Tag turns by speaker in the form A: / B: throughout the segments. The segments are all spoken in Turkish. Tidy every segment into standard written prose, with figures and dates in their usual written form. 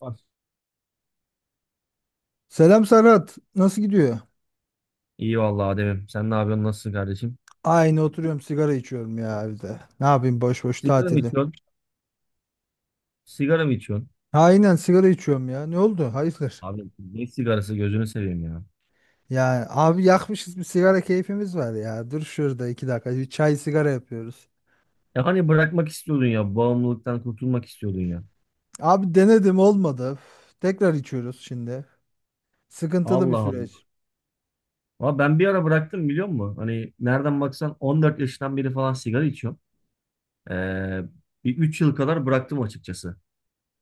A: Var.
B: Selam Serhat. Nasıl gidiyor?
A: İyi vallahi Adem'im. Sen ne yapıyorsun? Nasılsın kardeşim?
B: Aynı oturuyorum, sigara içiyorum ya evde. Ne yapayım, boş boş
A: Sigara mı
B: tatili.
A: içiyorsun? Sigara mı içiyorsun?
B: Aynen, sigara içiyorum ya. Ne oldu? Hayırdır?
A: Abi ne sigarası gözünü seveyim ya.
B: Ya abi, yakmışız bir sigara, keyfimiz var ya. Dur şurada 2 dakika bir çay sigara yapıyoruz.
A: Ya hani bırakmak istiyordun ya. Bağımlılıktan kurtulmak istiyordun ya.
B: Abi denedim, olmadı. Üf, tekrar içiyoruz şimdi. Sıkıntılı bir
A: Allah Allah.
B: süreç.
A: Ama ben bir ara bıraktım biliyor musun? Hani nereden baksan 14 yaşından beri falan sigara içiyorum. Ee, bir 3 yıl kadar bıraktım açıkçası.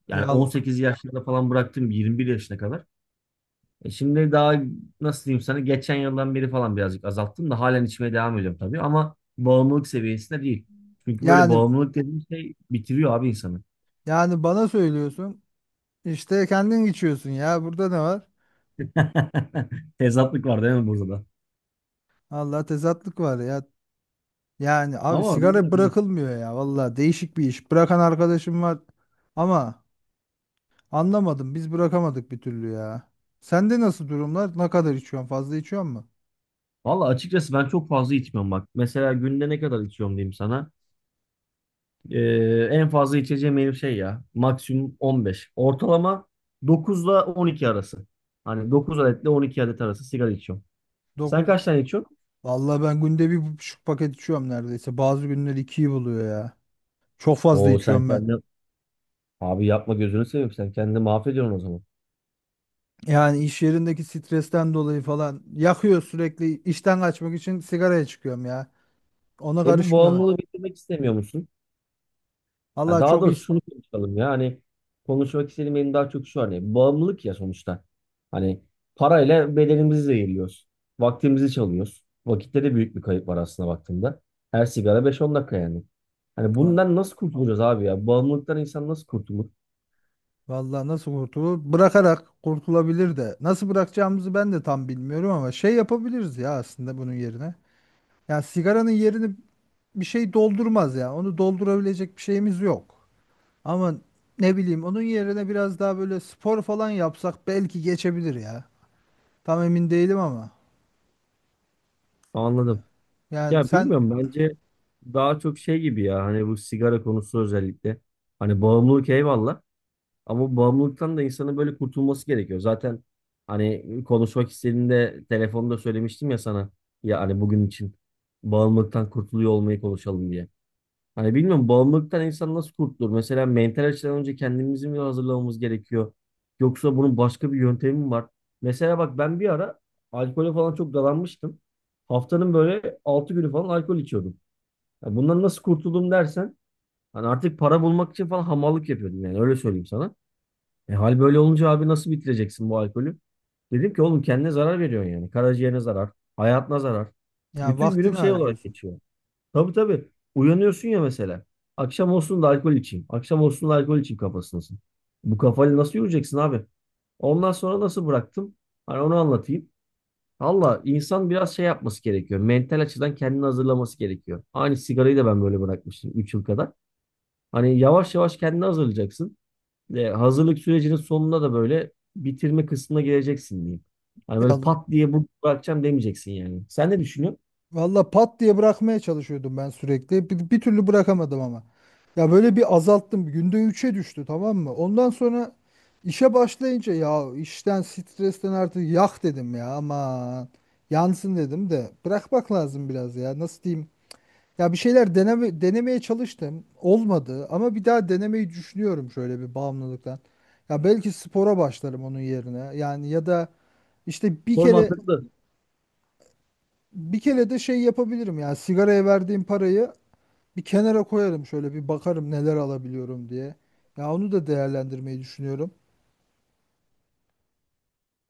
A: Yani
B: Vallahi.
A: 18 yaşlarında falan bıraktım 21 yaşına kadar. E şimdi daha nasıl diyeyim sana geçen yıldan beri falan birazcık azalttım da halen içmeye devam ediyorum tabii ama bağımlılık seviyesinde değil. Çünkü böyle
B: Yani
A: bağımlılık dediğin şey bitiriyor abi insanı.
B: yani bana söylüyorsun. İşte kendin içiyorsun ya. Burada ne var?
A: Tezatlık var değil mi burada da?
B: Allah, tezatlık var ya. Yani abi,
A: Ama
B: sigara
A: bilmiyorum.
B: bırakılmıyor ya, valla değişik bir iş. Bırakan arkadaşım var ama anlamadım, biz bırakamadık bir türlü ya. Sende nasıl durumlar? Ne kadar içiyorsun? Fazla içiyor musun?
A: Valla açıkçası ben çok fazla içmiyorum bak. Mesela günde ne kadar içiyorum diyeyim sana. Ee, en fazla içeceğim benim şey ya. Maksimum 15. Ortalama 9 ile 12 arası. Hani 9 adetle 12 adet arası sigara içiyorum. Sen
B: 9.
A: kaç tane içiyorsun?
B: Valla ben günde 1,5 paket içiyorum neredeyse. Bazı günler ikiyi buluyor ya. Çok fazla
A: Oo sen
B: içiyorum ben.
A: kendine Abi yapma gözünü seveyim sen kendini mahvediyorsun o zaman.
B: Yani iş yerindeki stresten dolayı falan yakıyor sürekli. İşten kaçmak için sigaraya çıkıyorum ya. Ona
A: E bu
B: karışmıyorlar.
A: bağımlılığı bitirmek istemiyor musun? Ha,
B: Allah
A: daha
B: çok iyi.
A: doğrusu şunu konuşalım ya hani konuşmak istediğim benim daha çok şu hani bağımlılık ya sonuçta. Hani parayla bedenimizi zehirliyoruz. Vaktimizi çalıyoruz. Vakitte de büyük bir kayıp var aslında baktığında. Her sigara beş on dakika yani. Hani bundan nasıl kurtulacağız abi ya? Bağımlılıktan insan nasıl kurtulur?
B: Vallahi nasıl kurtulur? Bırakarak kurtulabilir de. Nasıl bırakacağımızı ben de tam bilmiyorum ama şey yapabiliriz ya aslında bunun yerine. Ya sigaranın yerini bir şey doldurmaz ya. Onu doldurabilecek bir şeyimiz yok. Ama ne bileyim, onun yerine biraz daha böyle spor falan yapsak belki geçebilir ya. Tam emin değilim ama.
A: Anladım.
B: Yani
A: Ya
B: sen,
A: bilmiyorum bence daha çok şey gibi ya hani bu sigara konusu özellikle. Hani bağımlılık eyvallah. Ama bu bağımlılıktan da insanın böyle kurtulması gerekiyor. Zaten hani konuşmak istediğinde telefonda söylemiştim ya sana. Ya hani bugün için bağımlılıktan kurtuluyor olmayı konuşalım diye. Hani bilmiyorum bağımlılıktan insan nasıl kurtulur? Mesela mental açıdan önce kendimizi mi hazırlamamız gerekiyor? Yoksa bunun başka bir yöntemi mi var? Mesela bak ben bir ara alkole falan çok dalanmıştım. Haftanın böyle 6 günü falan alkol içiyordum. Ya bundan nasıl kurtuldum dersen hani artık para bulmak için falan hamallık yapıyordum yani öyle söyleyeyim sana. E, hal böyle olunca abi nasıl bitireceksin bu alkolü? Dedim ki oğlum kendine zarar veriyorsun yani. Karaciğerine zarar, hayatına zarar.
B: yani
A: Bütün
B: vaktini
A: günüm şey olarak
B: harcıyorsun.
A: geçiyor. Tabii tabii. Uyanıyorsun ya mesela. Akşam olsun da alkol içeyim. Akşam olsun da alkol içeyim kafasındasın. Bu kafayla nasıl yürüyeceksin abi? Ondan sonra nasıl bıraktım? Hani onu anlatayım. Valla insan biraz şey yapması gerekiyor. Mental açıdan kendini hazırlaması gerekiyor. Aynı sigarayı da ben böyle bırakmıştım 3 yıl kadar. Hani yavaş yavaş kendini hazırlayacaksın. E, hazırlık sürecinin sonunda da böyle bitirme kısmına geleceksin diyeyim. Hani
B: Ya
A: böyle pat diye bu bırakacağım demeyeceksin yani. Sen ne düşünüyorsun?
B: valla, pat diye bırakmaya çalışıyordum ben sürekli. Bir türlü bırakamadım ama. Ya böyle bir azalttım. Günde 3'e düştü, tamam mı? Ondan sonra işe başlayınca ya, işten stresten artık yak dedim ya aman. Yansın dedim de bırakmak lazım biraz ya, nasıl diyeyim. Ya bir şeyler denemeye çalıştım. Olmadı ama bir daha denemeyi düşünüyorum şöyle bir bağımlılıktan. Ya belki spora başlarım onun yerine. Yani ya da işte
A: Form da
B: bir kere de şey yapabilirim ya, sigaraya verdiğim parayı bir kenara koyarım, şöyle bir bakarım neler alabiliyorum diye. Ya onu da değerlendirmeyi düşünüyorum.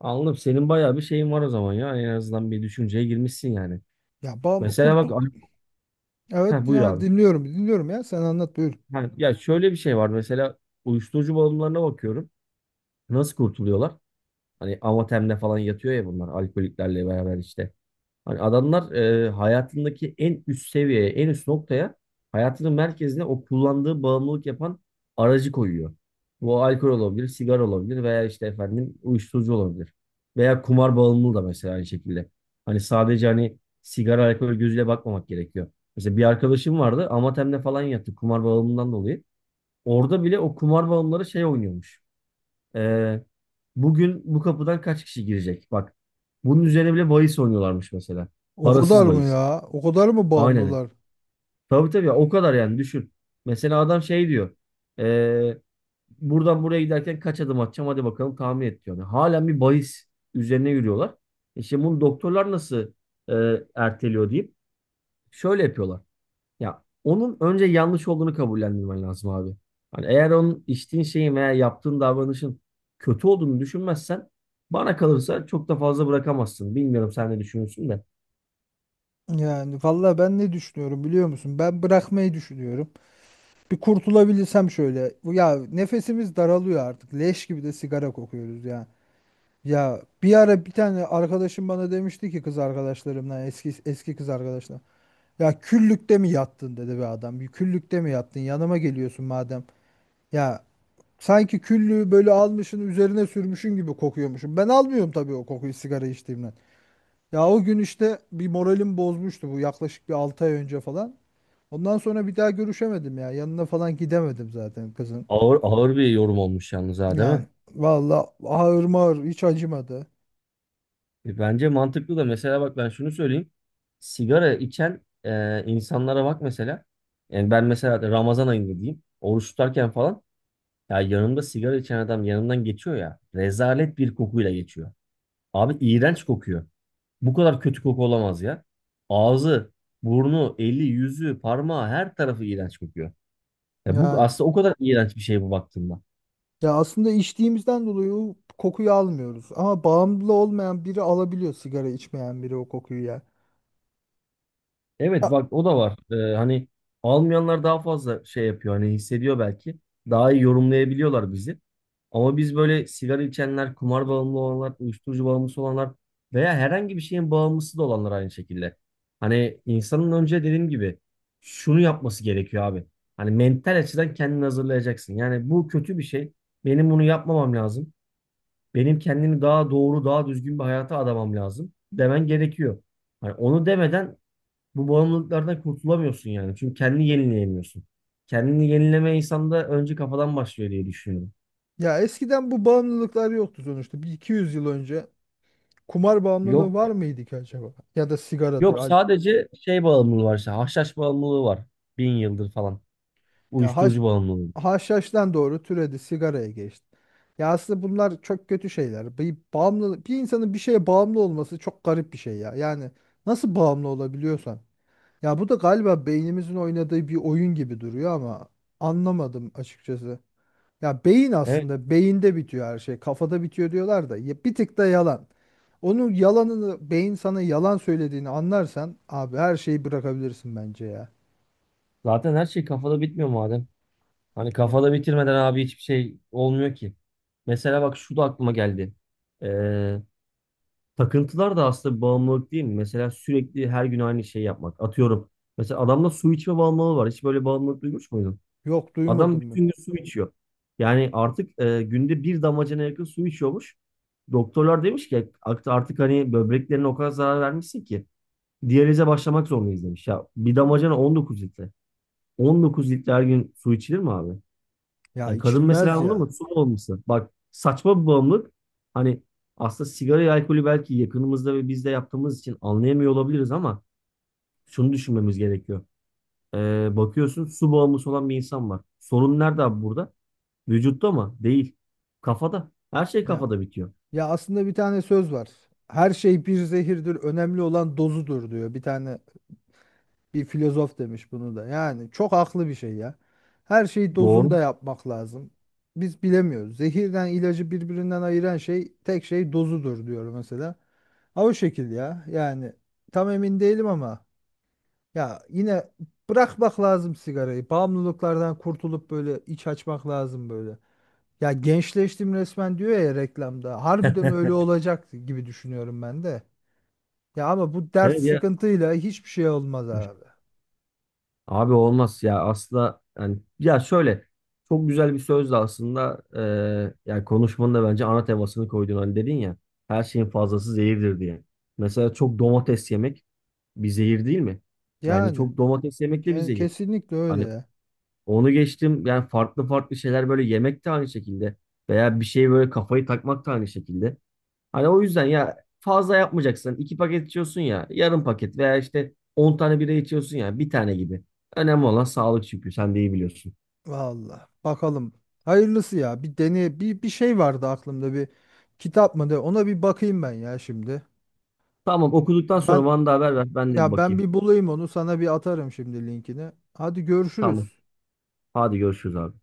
A: anladım. Senin bayağı bir şeyin var o zaman ya. En azından bir düşünceye girmişsin yani.
B: Ya bağım,
A: Mesela
B: kurtu
A: bak. Heh,
B: evet
A: buyur
B: yani
A: abi.
B: dinliyorum dinliyorum ya, sen anlat buyur.
A: Ha, ya şöyle bir şey var mesela uyuşturucu bağımlılarına bakıyorum. Nasıl kurtuluyorlar? Hani amatemle falan yatıyor ya bunlar alkoliklerle beraber işte. Hani adamlar hayatındaki en üst seviyeye, en üst noktaya hayatının merkezine o kullandığı bağımlılık yapan aracı koyuyor. Bu alkol olabilir, sigara olabilir veya işte efendim uyuşturucu olabilir. Veya kumar bağımlılığı da mesela aynı şekilde. Hani sadece hani sigara, alkol gözüyle bakmamak gerekiyor. Mesela bir arkadaşım vardı, Amatem'de falan yattı kumar bağımlılığından dolayı. Orada bile o kumar bağımlıları şey oynuyormuş. Ee, bugün bu kapıdan kaç kişi girecek? Bak bunun üzerine bile bahis oynuyorlarmış mesela.
B: O kadar
A: Parasız
B: mı
A: bahis.
B: ya? O kadar mı
A: Aynen.
B: bağımlılar?
A: Tabii tabii ya, o kadar yani düşün. Mesela adam şey diyor. ee, buradan buraya giderken kaç adım atacağım hadi bakalım tahmin et diyor. Yani halen bir bahis üzerine yürüyorlar. İşte bunu doktorlar nasıl e, erteliyor deyip şöyle yapıyorlar. Ya onun önce yanlış olduğunu kabullendirmen lazım abi. Hani eğer onun içtiğin şeyin veya yaptığın davranışın kötü olduğunu düşünmezsen bana kalırsa çok da fazla bırakamazsın. Bilmiyorum sen ne düşünüyorsun da.
B: Yani vallahi ben ne düşünüyorum biliyor musun? Ben bırakmayı düşünüyorum. Bir kurtulabilirsem şöyle. Ya nefesimiz daralıyor artık. Leş gibi de sigara kokuyoruz ya. Ya bir ara bir tane arkadaşım bana demişti ki, kız arkadaşlarımdan, eski eski kız arkadaşlar. Ya küllükte mi yattın dedi bir adam. Bir küllükte mi yattın? Yanıma geliyorsun madem. Ya sanki küllüğü böyle almışın üzerine sürmüşün gibi kokuyormuşum. Ben almıyorum tabii o kokuyu, sigara içtiğimden. Ya o gün işte bir moralim bozmuştu, bu yaklaşık bir 6 ay önce falan. Ondan sonra bir daha görüşemedim ya. Yanına falan gidemedim zaten kızın.
A: Ağır ağır bir yorum olmuş yalnız ha değil
B: Yani
A: mi?
B: valla, ağır mağır hiç acımadı.
A: E, bence mantıklı da mesela bak ben şunu söyleyeyim. Sigara içen insanlara bak mesela. Yani ben mesela Ramazan ayında diyeyim. Oruç tutarken falan ya yanımda sigara içen adam yanımdan geçiyor ya. Rezalet bir kokuyla geçiyor. Abi iğrenç kokuyor. Bu kadar kötü koku olamaz ya. Ağzı, burnu, eli, yüzü, parmağı her tarafı iğrenç kokuyor. Ya bu
B: Yani
A: aslında o kadar iğrenç bir şey bu baktığında.
B: ya, aslında içtiğimizden dolayı o kokuyu almıyoruz. Ama bağımlı olmayan biri alabiliyor, sigara içmeyen biri o kokuyu ya. Ya,
A: Evet bak o da var. Hani almayanlar daha fazla şey yapıyor hani hissediyor belki. Daha iyi yorumlayabiliyorlar bizi. Ama biz böyle sigara içenler, kumar bağımlı olanlar, uyuşturucu bağımlısı olanlar veya herhangi bir şeyin bağımlısı da olanlar aynı şekilde. Hani insanın önce dediğim gibi şunu yapması gerekiyor abi. Hani mental açıdan kendini hazırlayacaksın. Yani bu kötü bir şey. Benim bunu yapmamam lazım. Benim kendimi daha doğru, daha düzgün bir hayata adamam lazım demen gerekiyor. Hani onu demeden bu bağımlılıklardan kurtulamıyorsun yani. Çünkü kendini yenileyemiyorsun. Kendini yenileme insanda önce kafadan başlıyor diye düşünüyorum.
B: ya, eskiden bu bağımlılıklar yoktu sonuçta. Bir 200 yıl önce kumar
A: Yok
B: bağımlılığı var mıydı ki acaba? Ya da sigaradır.
A: yok sadece şey bağımlılığı var işte. Haşhaş bağımlılığı var. Bin yıldır falan.
B: Ya haş,
A: Uyuşturucu bağımlılığı.
B: haşhaştan doğru türedi, sigaraya geçti. Ya aslında bunlar çok kötü şeyler. Bir bağımlılık, bir insanın bir şeye bağımlı olması çok garip bir şey ya. Yani nasıl bağımlı olabiliyorsan. Ya bu da galiba beynimizin oynadığı bir oyun gibi duruyor ama anlamadım açıkçası. Ya beyin,
A: Evet.
B: aslında beyinde bitiyor her şey. Kafada bitiyor diyorlar da ya, bir tık da yalan. Onun yalanını, beyin sana yalan söylediğini anlarsan abi her şeyi bırakabilirsin bence ya.
A: Zaten her şey kafada bitmiyor madem. Hani
B: Ya
A: kafada bitirmeden abi hiçbir şey olmuyor ki. Mesela bak şu da aklıma geldi. Ee, takıntılar da aslında bir bağımlılık değil mi? Mesela sürekli her gün aynı şeyi yapmak. Atıyorum. Mesela adamda su içme bağımlılığı var. Hiç böyle bağımlılık duymuş muydun?
B: yok,
A: Adam
B: duymadın mı?
A: bütün gün su içiyor. Yani artık günde bir damacana yakın su içiyormuş. Doktorlar demiş ki "Artık hani böbreklerine o kadar zarar vermişsin ki diyalize başlamak zorundayız demiş. Ya bir damacana 19 litre. 19 litre her gün su içilir mi abi?
B: Ya
A: Ya kadın mesela
B: içilmez
A: anladın
B: ya.
A: mı? Su bağımlısı. Bak saçma bir bağımlılık. Hani aslında sigarayı, alkolü belki yakınımızda ve biz de yaptığımız için anlayamıyor olabiliriz ama şunu düşünmemiz gerekiyor. E, bakıyorsun su bağımlısı olan bir insan var. Sorun nerede abi burada? Vücutta mı? Değil. Kafada. Her şey
B: Ya
A: kafada bitiyor.
B: ya, aslında bir tane söz var. Her şey bir zehirdir. Önemli olan dozudur diyor bir tane, bir filozof demiş bunu da. Yani çok haklı bir şey ya. Her şeyi dozunda
A: Doğru.
B: yapmak lazım. Biz bilemiyoruz. Zehirden ilacı birbirinden ayıran şey tek şey dozudur diyor mesela. Ha, o şekil ya. Yani tam emin değilim ama ya, yine bırakmak lazım sigarayı. Bağımlılıklardan kurtulup böyle iç açmak lazım böyle. Ya gençleştim resmen diyor ya reklamda. Harbiden öyle olacak gibi düşünüyorum ben de. Ya ama bu dert
A: Evet ya.
B: sıkıntıyla hiçbir şey olmaz abi.
A: Abi olmaz ya aslında yani ya şöyle çok güzel bir söz de aslında yani konuşmanın da bence ana temasını koydun hani dedin ya her şeyin fazlası zehirdir diye. Mesela çok domates yemek bir zehir değil mi? Bence
B: Yani.
A: çok domates yemek de bir
B: Yani
A: zehir.
B: kesinlikle öyle
A: Hani
B: ya.
A: onu geçtim yani farklı farklı şeyler böyle yemek de aynı şekilde veya bir şeye böyle kafayı takmak da aynı şekilde. Hani o yüzden ya fazla yapmayacaksın. 2 paket içiyorsun ya yarım paket veya işte 10 tane bira içiyorsun ya bir tane gibi. Önemli olan sağlık çünkü sen de iyi biliyorsun.
B: Vallahi bakalım. Hayırlısı ya. Bir deney, bir şey vardı aklımda, bir kitap mı de, ona bir bakayım ben ya şimdi.
A: Tamam okuduktan sonra
B: Ben
A: bana da haber ver ben de bir
B: ya ben
A: bakayım.
B: bir bulayım onu, sana bir atarım şimdi linkini. Hadi
A: Tamam
B: görüşürüz.
A: hadi görüşürüz abi.